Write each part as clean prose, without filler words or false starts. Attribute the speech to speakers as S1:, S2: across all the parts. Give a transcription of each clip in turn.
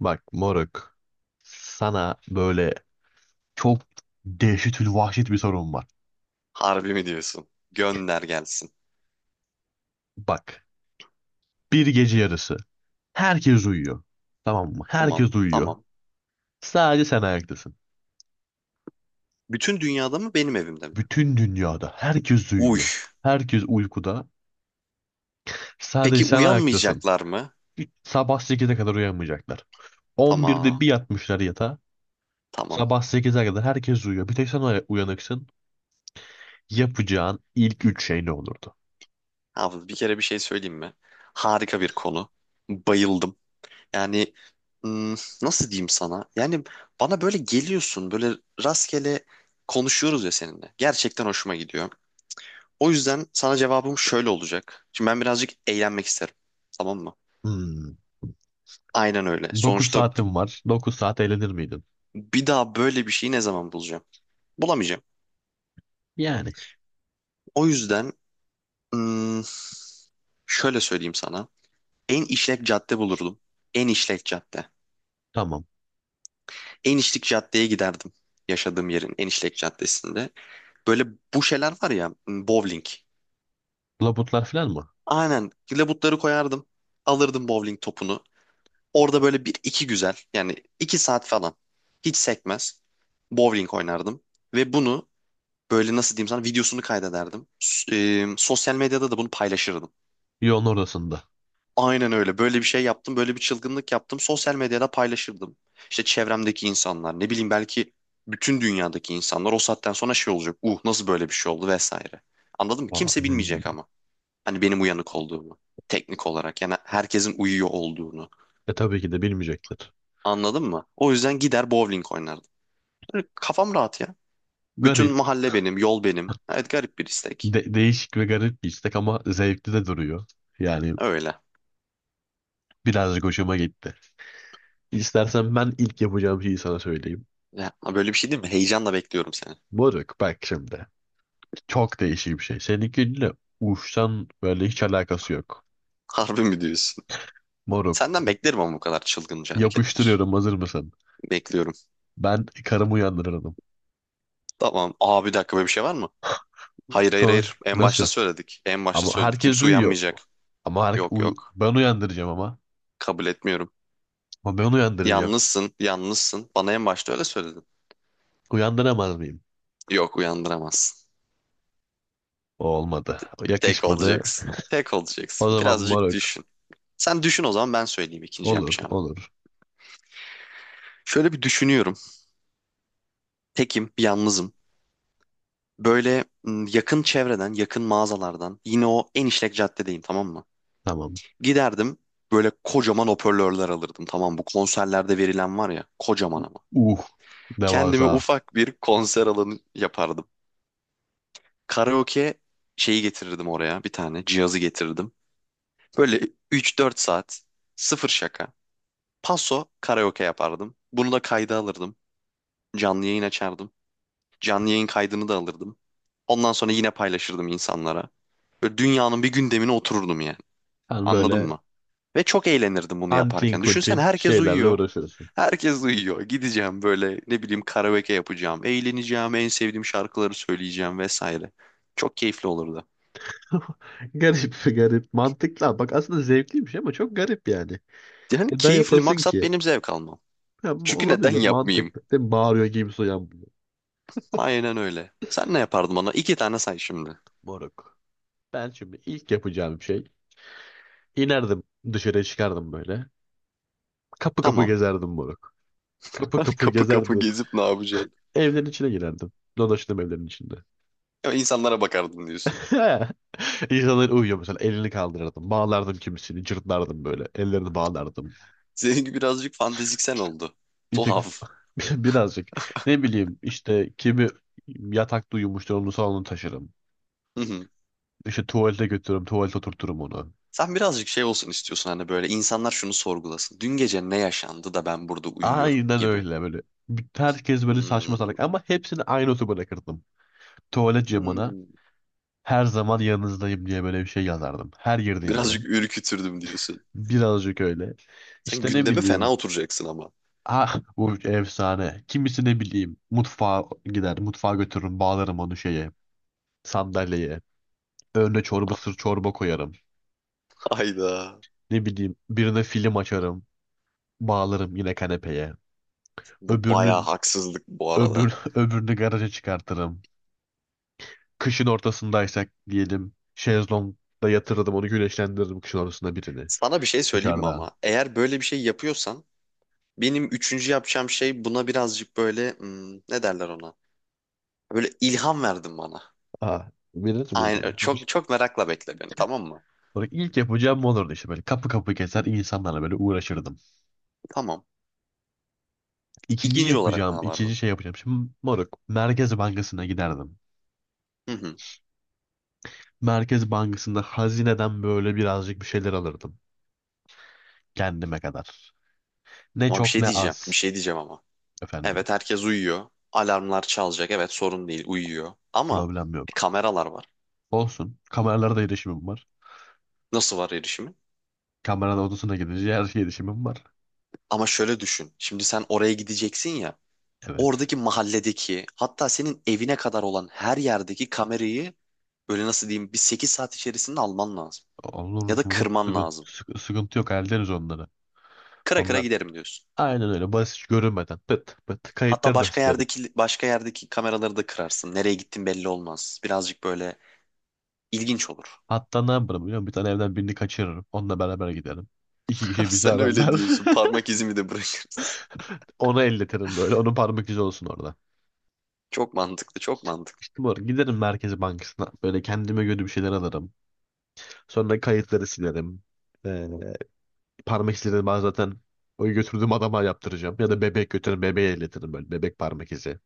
S1: Bak moruk, sana böyle çok dehşetül vahşet bir sorun var.
S2: Harbi mi diyorsun? Gönder gelsin.
S1: Bak, bir gece yarısı herkes uyuyor. Tamam mı?
S2: Tamam,
S1: Herkes uyuyor.
S2: tamam.
S1: Sadece sen ayaktasın.
S2: Bütün dünyada mı benim evimde mi?
S1: Bütün dünyada herkes
S2: Uy.
S1: uyuyor. Herkes uykuda. Sadece
S2: Peki
S1: sen ayaktasın.
S2: uyanmayacaklar mı?
S1: Sabah 8'e kadar uyanmayacaklar. 11'de bir
S2: Tamam,
S1: yatmışlar yatağa.
S2: tamam.
S1: Sabah 8'e kadar herkes uyuyor. Bir tek sen uyanıksın. Yapacağın ilk üç şey ne olurdu?
S2: Abi bir kere bir şey söyleyeyim mi? Harika bir konu. Bayıldım. Yani hmm, nasıl diyeyim sana? Yani bana böyle geliyorsun, böyle rastgele konuşuyoruz ya seninle. Gerçekten hoşuma gidiyor. O yüzden sana cevabım şöyle olacak. Şimdi ben birazcık eğlenmek isterim. Tamam mı?
S1: Hmm.
S2: Aynen öyle.
S1: 9
S2: Sonuçta
S1: saatin var. 9 saat eğlenir miydin?
S2: bir daha böyle bir şeyi ne zaman bulacağım? Bulamayacağım.
S1: Yani
S2: O yüzden hmm, şöyle söyleyeyim sana. En işlek cadde bulurdum. En işlek cadde.
S1: tamam.
S2: En işlek caddeye giderdim. Yaşadığım yerin en işlek caddesinde. Böyle bu şeyler var ya bowling.
S1: Labutlar falan mı?
S2: Aynen labutları koyardım. Alırdım bowling topunu. Orada böyle bir iki güzel yani iki saat falan hiç sekmez bowling oynardım. Ve bunu böyle nasıl diyeyim sana videosunu kaydederdim. Sosyal medyada da bunu paylaşırdım.
S1: Yoğun ortasında.
S2: Aynen öyle. Böyle bir şey yaptım, böyle bir çılgınlık yaptım. Sosyal medyada paylaşırdım. İşte çevremdeki insanlar, ne bileyim belki bütün dünyadaki insanlar o saatten sonra şey olacak. Nasıl böyle bir şey oldu vesaire. Anladın mı?
S1: Aa,
S2: Kimse
S1: hmm.
S2: bilmeyecek ama. Hani benim uyanık olduğumu. Teknik olarak yani herkesin uyuyor olduğunu.
S1: E tabii ki de bilmeyecektir.
S2: Anladın mı? O yüzden gider bowling oynardım. Böyle kafam rahat ya. Bütün
S1: Garip.
S2: mahalle benim, yol benim. Evet garip bir istek.
S1: Değişik ve garip bir istek ama zevkli de duruyor. Yani
S2: Öyle.
S1: birazcık hoşuma gitti. İstersen ben ilk yapacağım şeyi sana söyleyeyim.
S2: Ya, böyle bir şey değil mi? Heyecanla bekliyorum seni.
S1: Moruk, bak şimdi. Çok değişik bir şey. Seninkiyle uçtan böyle hiç alakası yok.
S2: Harbi mi diyorsun?
S1: Moruk,
S2: Senden beklerim ama bu kadar çılgınca hareketler.
S1: yapıştırıyorum, hazır mısın?
S2: Bekliyorum.
S1: Ben karımı uyandırırdım.
S2: Tamam. Aa bir dakika böyle bir şey var mı? Hayır hayır
S1: Sonuç
S2: hayır. En başta
S1: nasıl?
S2: söyledik. En başta
S1: Ama
S2: söyledik.
S1: herkes
S2: Kimse
S1: duyuyor.
S2: uyanmayacak.
S1: Ama
S2: Yok yok.
S1: ben uyandıracağım ama.
S2: Kabul etmiyorum.
S1: Ama ben uyandıracağım.
S2: Yalnızsın. Yalnızsın. Bana en başta öyle söyledin.
S1: Uyandıramaz mıyım?
S2: Yok uyandıramazsın.
S1: O olmadı. O
S2: Tek
S1: yakışmadı.
S2: olacaksın. Tek
S1: O
S2: olacaksın.
S1: zaman
S2: Birazcık
S1: moruk.
S2: düşün. Sen düşün o zaman ben söyleyeyim ikinci
S1: Olur,
S2: yapacağımı.
S1: olur.
S2: Şöyle bir düşünüyorum. Tekim, yalnızım. Böyle yakın çevreden, yakın mağazalardan. Yine o en işlek caddedeyim tamam mı?
S1: Tamam.
S2: Giderdim böyle kocaman hoparlörler alırdım. Tamam mı? Bu konserlerde verilen var ya kocaman ama.
S1: Uh,
S2: Kendime
S1: Devasa.
S2: ufak bir konser alanı yapardım. Karaoke şeyi getirirdim oraya bir tane cihazı getirirdim. Böyle üç dört saat sıfır şaka. Paso karaoke yapardım. Bunu da kayda alırdım. Canlı yayın açardım. Canlı yayın kaydını da alırdım. Ondan sonra yine paylaşırdım insanlara. Böyle dünyanın bir gündemine otururdum yani.
S1: Sen
S2: Anladın
S1: böyle
S2: mı? Ve çok eğlenirdim bunu
S1: antin
S2: yaparken. Düşünsen
S1: kuntin
S2: herkes
S1: şeylerle
S2: uyuyor.
S1: uğraşıyorsun.
S2: Herkes uyuyor. Gideceğim böyle ne bileyim karaoke yapacağım. Eğleneceğim. En sevdiğim şarkıları söyleyeceğim vesaire. Çok keyifli olurdu.
S1: Garip, garip. Mantıklı. Bak, aslında zevkliymiş ama çok garip yani.
S2: Yani
S1: Neden
S2: keyifli
S1: yapasın
S2: maksat
S1: ki?
S2: benim zevk almam.
S1: Ya,
S2: Çünkü neden
S1: olabilir,
S2: yapmayayım?
S1: mantıklı. Değil mi? Bağırıyor gibi soyan bunu.
S2: Aynen öyle. Sen ne yapardın bana? İki tane say şimdi.
S1: Moruk. Ben şimdi ilk yapacağım şey. İnerdim dışarıya, çıkardım böyle. Kapı kapı
S2: Tamam.
S1: gezerdim moruk. Kapı kapı
S2: Kapı kapı
S1: gezerdim.
S2: gezip ne yapacaksın?
S1: Evlerin içine girerdim. Dolaştım evlerin içinde.
S2: Ya insanlara bakardın diyorsun.
S1: İnsanlar uyuyor mesela. Elini kaldırırdım. Bağlardım kimisini. Cırtlardım böyle. Ellerini bağlardım.
S2: Seninki birazcık fanteziksel oldu.
S1: Bir tek
S2: Tuhaf.
S1: birazcık. Ne bileyim işte, kimi yatakta uyumuştur onu salona taşırım.
S2: Hı hı.
S1: İşte tuvalete götürürüm. Tuvalete oturturum onu.
S2: Sen birazcık şey olsun istiyorsun hani böyle insanlar şunu sorgulasın. Dün gece ne yaşandı da ben burada uyuyorum
S1: Aynen
S2: gibi.
S1: öyle böyle. Herkes böyle saçma
S2: Hmm.
S1: salak, ama hepsini aynı otobana bırakırdım. Tuvalet camına
S2: Hmm.
S1: her zaman yanınızdayım diye böyle bir şey yazardım. Her girdiğim eve.
S2: Birazcık ürkütürdüm diyorsun.
S1: Birazcık öyle.
S2: Sen
S1: İşte ne
S2: gündeme fena
S1: bileyim.
S2: oturacaksın ama.
S1: Ah, bu efsane. Kimisi ne bileyim mutfağa gider. Mutfağa götürürüm, bağlarım onu şeye, sandalyeye. Önüne çorba sır çorba koyarım.
S2: Hayda.
S1: Ne bileyim, birine film açarım. Bağlarım yine kanepeye.
S2: Bu bayağı
S1: Öbürünü
S2: haksızlık bu arada.
S1: öbürünü garaja çıkartırım. Kışın ortasındaysak diyelim, şezlongda yatırırdım onu, güneşlendiririm kışın ortasında birini
S2: Sana bir şey söyleyeyim mi
S1: dışarıda.
S2: ama? Eğer böyle bir şey yapıyorsan benim üçüncü yapacağım şey buna birazcık böyle ne derler ona? Böyle ilham verdin bana.
S1: Ah, birini
S2: Aynen
S1: mi.
S2: çok çok merakla bekle beni tamam mı?
S1: Sonra ilk yapacağım bu olurdu, işte böyle kapı kapı gezer, insanlarla böyle uğraşırdım.
S2: Tamam.
S1: İkinci
S2: İkinci olarak ne
S1: yapacağım, ikinci
S2: yapardın?
S1: şey yapacağım. Şimdi moruk, Merkez Bankası'na giderdim.
S2: Hı hı.
S1: Merkez Bankası'nda hazineden böyle birazcık bir şeyler alırdım. Kendime kadar. Ne
S2: Ama bir
S1: çok
S2: şey
S1: ne
S2: diyeceğim. Bir
S1: az.
S2: şey diyeceğim ama.
S1: Efendim,
S2: Evet herkes uyuyor. Alarmlar çalacak. Evet sorun değil uyuyor. Ama
S1: problem yok.
S2: kameralar var.
S1: Olsun. Kameralara da erişimim var.
S2: Nasıl var erişimi?
S1: Kameranın odasına gidince her şeye erişimim var.
S2: Ama şöyle düşün. Şimdi sen oraya gideceksin ya.
S1: Evet.
S2: Oradaki mahalledeki hatta senin evine kadar olan her yerdeki kamerayı böyle nasıl diyeyim bir 8 saat içerisinde alman lazım.
S1: Olur
S2: Ya da
S1: moruk,
S2: kırman
S1: sıkıntı,
S2: lazım.
S1: sıkı- sıkıntı yok. Hallederiz onları.
S2: Kıra kıra
S1: Onlar,
S2: giderim diyorsun.
S1: aynen öyle, basit görünmeden pıt pıt
S2: Hatta
S1: kayıtları da
S2: başka
S1: silerim.
S2: yerdeki başka yerdeki kameraları da kırarsın. Nereye gittin belli olmaz. Birazcık böyle ilginç olur.
S1: Hatta ne yaparım biliyor musun? Bir tane evden birini kaçırırım. Onunla beraber giderim. İki kişi bizi
S2: Sen öyle
S1: ararlar.
S2: diyorsun. Parmak izimi de bırakırız.
S1: Onu elletirim böyle. Onun parmak izi olsun orada.
S2: Çok mantıklı, çok mantıklı.
S1: İşte bu arada giderim Merkez Bankası'na. Böyle kendime göre bir şeyler alırım. Sonra kayıtları silerim. Ee, Parmak izleri ben zaten o götürdüğüm adama yaptıracağım. Ya da bebek götürürüm. Bebeğe elletirim böyle. Bebek parmak izi.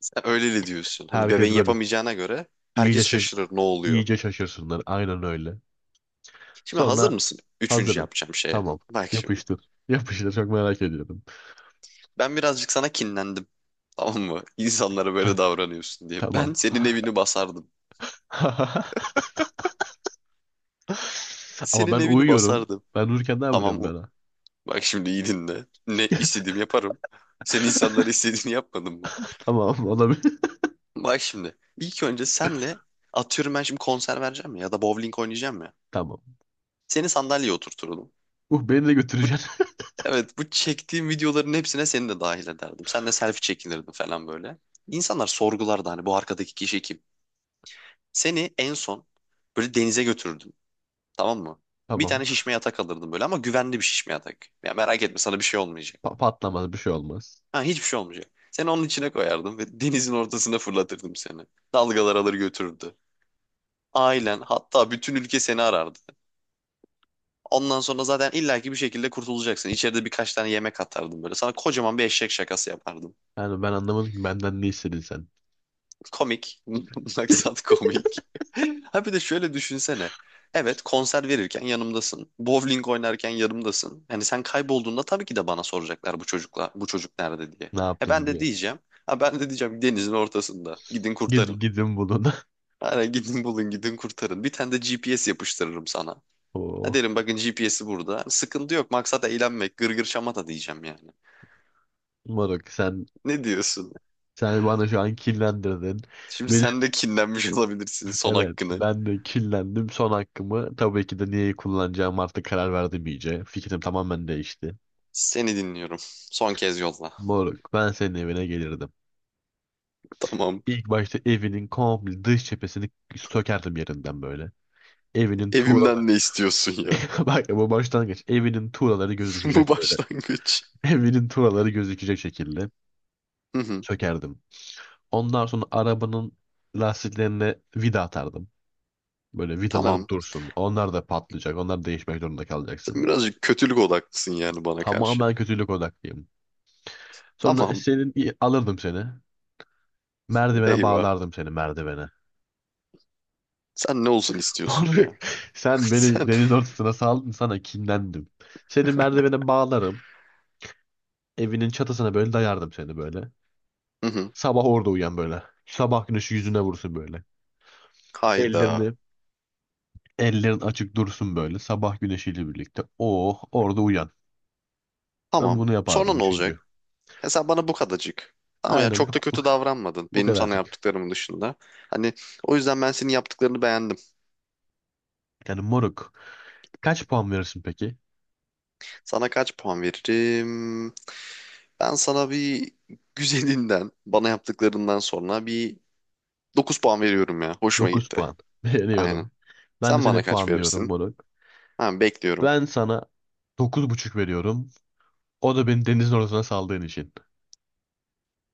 S2: Sen öyle de diyorsun. Hani bebeğin
S1: Herkes böyle
S2: yapamayacağına göre
S1: iyice,
S2: herkes
S1: şa-
S2: şaşırır ne oluyor.
S1: iyice şaşırsınlar. Aynen öyle.
S2: Şimdi hazır
S1: Sonra
S2: mısın? Üçüncü
S1: hazırım.
S2: yapacağım şeye.
S1: Tamam.
S2: Bak şimdi.
S1: Yapıştır. Yapıştır. Çok merak ediyorum.
S2: Ben birazcık sana kinlendim. Tamam mı? İnsanlara böyle davranıyorsun diye.
S1: Tamam.
S2: Ben senin evini basardım.
S1: Ama
S2: Senin
S1: ben
S2: evini
S1: uyuyorum.
S2: basardım.
S1: Ben uyurken ne
S2: Tamam
S1: yapacağım
S2: mı?
S1: ben? Ha?
S2: Bak şimdi iyi dinle. Ne istediğim yaparım. Sen insanlara istediğini yapmadın mı?
S1: Tamam, olabilir.
S2: Bak şimdi. İlk önce senle atıyorum ben şimdi konser vereceğim ya ya da bowling oynayacağım ya.
S1: Tamam.
S2: Seni sandalyeye oturturdum.
S1: Beni de
S2: Bu,
S1: götüreceksin.
S2: evet bu çektiğim videoların hepsine seni de dahil ederdim. Senle selfie çekinirdim falan böyle. İnsanlar sorgulardı hani bu arkadaki kişi kim? Seni en son böyle denize götürürdüm, tamam mı? Bir
S1: Tamam.
S2: tane şişme yatak alırdım böyle ama güvenli bir şişme yatak. Ya merak etme sana bir şey olmayacak.
S1: Patlamaz bir şey, olmaz.
S2: Ha hiçbir şey olmayacak. Seni onun içine koyardım ve denizin ortasına fırlatırdım seni. Dalgalar alır götürürdü. Ailen hatta bütün ülke seni arardı. Ondan sonra zaten illaki bir şekilde kurtulacaksın. İçeride birkaç tane yemek atardım böyle. Sana kocaman bir eşek şakası yapardım.
S1: Yani ben anlamadım ki, benden ne istedin sen?
S2: Komik. Maksat komik. Ha bir de şöyle düşünsene. Evet konser verirken yanımdasın. Bowling oynarken yanımdasın. Hani sen kaybolduğunda tabii ki de bana soracaklar bu çocukla bu çocuk nerede diye.
S1: Ne
S2: E ben
S1: yaptın
S2: de
S1: diye.
S2: diyeceğim. Ha ben de diyeceğim denizin ortasında. Gidin
S1: Gid
S2: kurtarın.
S1: gidin bulun.
S2: Hani gidin bulun gidin kurtarın. Bir tane de GPS yapıştırırım sana. Ha
S1: Oo.
S2: derim bakın GPS'i burada. Sıkıntı yok maksat eğlenmek gırgır şamata diyeceğim yani.
S1: Moruk, sen
S2: Ne diyorsun?
S1: sen bana şu an kinlendirdin.
S2: Şimdi
S1: Benim,
S2: sen de kinlenmiş olabilirsin son
S1: evet
S2: hakkını.
S1: ben de kinlendim. Son hakkımı tabii ki de niye kullanacağım artık, karar verdim iyice. Fikrim tamamen değişti.
S2: Seni dinliyorum. Son kez yolla.
S1: Moruk, ben senin evine gelirdim.
S2: Tamam.
S1: İlk başta evinin komple dış cephesini sökerdim yerinden böyle. Evinin tuğlaları.
S2: Evimden ne istiyorsun ya?
S1: Bak, bu başlangıç. Evinin tuğlaları
S2: Bu
S1: gözükecek böyle.
S2: başlangıç.
S1: Evinin tuğlaları gözükecek şekilde
S2: Hı hı.
S1: sökerdim. Ondan sonra arabanın lastiklerine vida atardım. Böyle vidalar
S2: Tamam.
S1: dursun. Onlar da patlayacak. Onlar değişmek zorunda
S2: Sen
S1: kalacaksın.
S2: birazcık kötülük odaklısın yani bana karşı.
S1: Tamamen kötülük odaklıyım. Sonra
S2: Tamam.
S1: alırdım seni. Merdivene
S2: Eyvah.
S1: bağlardım seni, merdivene.
S2: Sen ne olsun istiyorsun
S1: Moruk,
S2: ya?
S1: sen beni
S2: Sen.
S1: deniz ortasına saldın, sana kinlendim. Seni merdivene bağlarım. Evinin çatısına böyle dayardım seni böyle.
S2: Hı hı.
S1: Sabah orada uyan böyle. Sabah güneşi yüzüne vursun böyle.
S2: Hayda.
S1: Ellerini Ellerin açık dursun böyle sabah güneşiyle birlikte. Oh, orada uyan. Ben
S2: Tamam.
S1: bunu
S2: Sonra
S1: yapardım,
S2: ne
S1: üçüncü.
S2: olacak? Ya sen bana bu kadarcık. Tamam ya
S1: Aynen
S2: çok
S1: bu,
S2: da
S1: bu,
S2: kötü davranmadın
S1: bu
S2: benim sana
S1: kadarcık.
S2: yaptıklarımın dışında. Hani o yüzden ben senin yaptıklarını beğendim.
S1: Yani moruk. Kaç puan verirsin peki?
S2: Sana kaç puan veririm? Ben sana bir güzelinden, bana yaptıklarından sonra bir 9 puan veriyorum ya. Hoşuma
S1: Dokuz
S2: gitti.
S1: puan.
S2: Aynen.
S1: Veriyorum. Ben de
S2: Sen bana
S1: seni
S2: kaç
S1: puanlıyorum
S2: verirsin?
S1: moruk.
S2: Tamam bekliyorum.
S1: Ben sana 9,5 veriyorum. O da beni denizin ortasına saldığın için.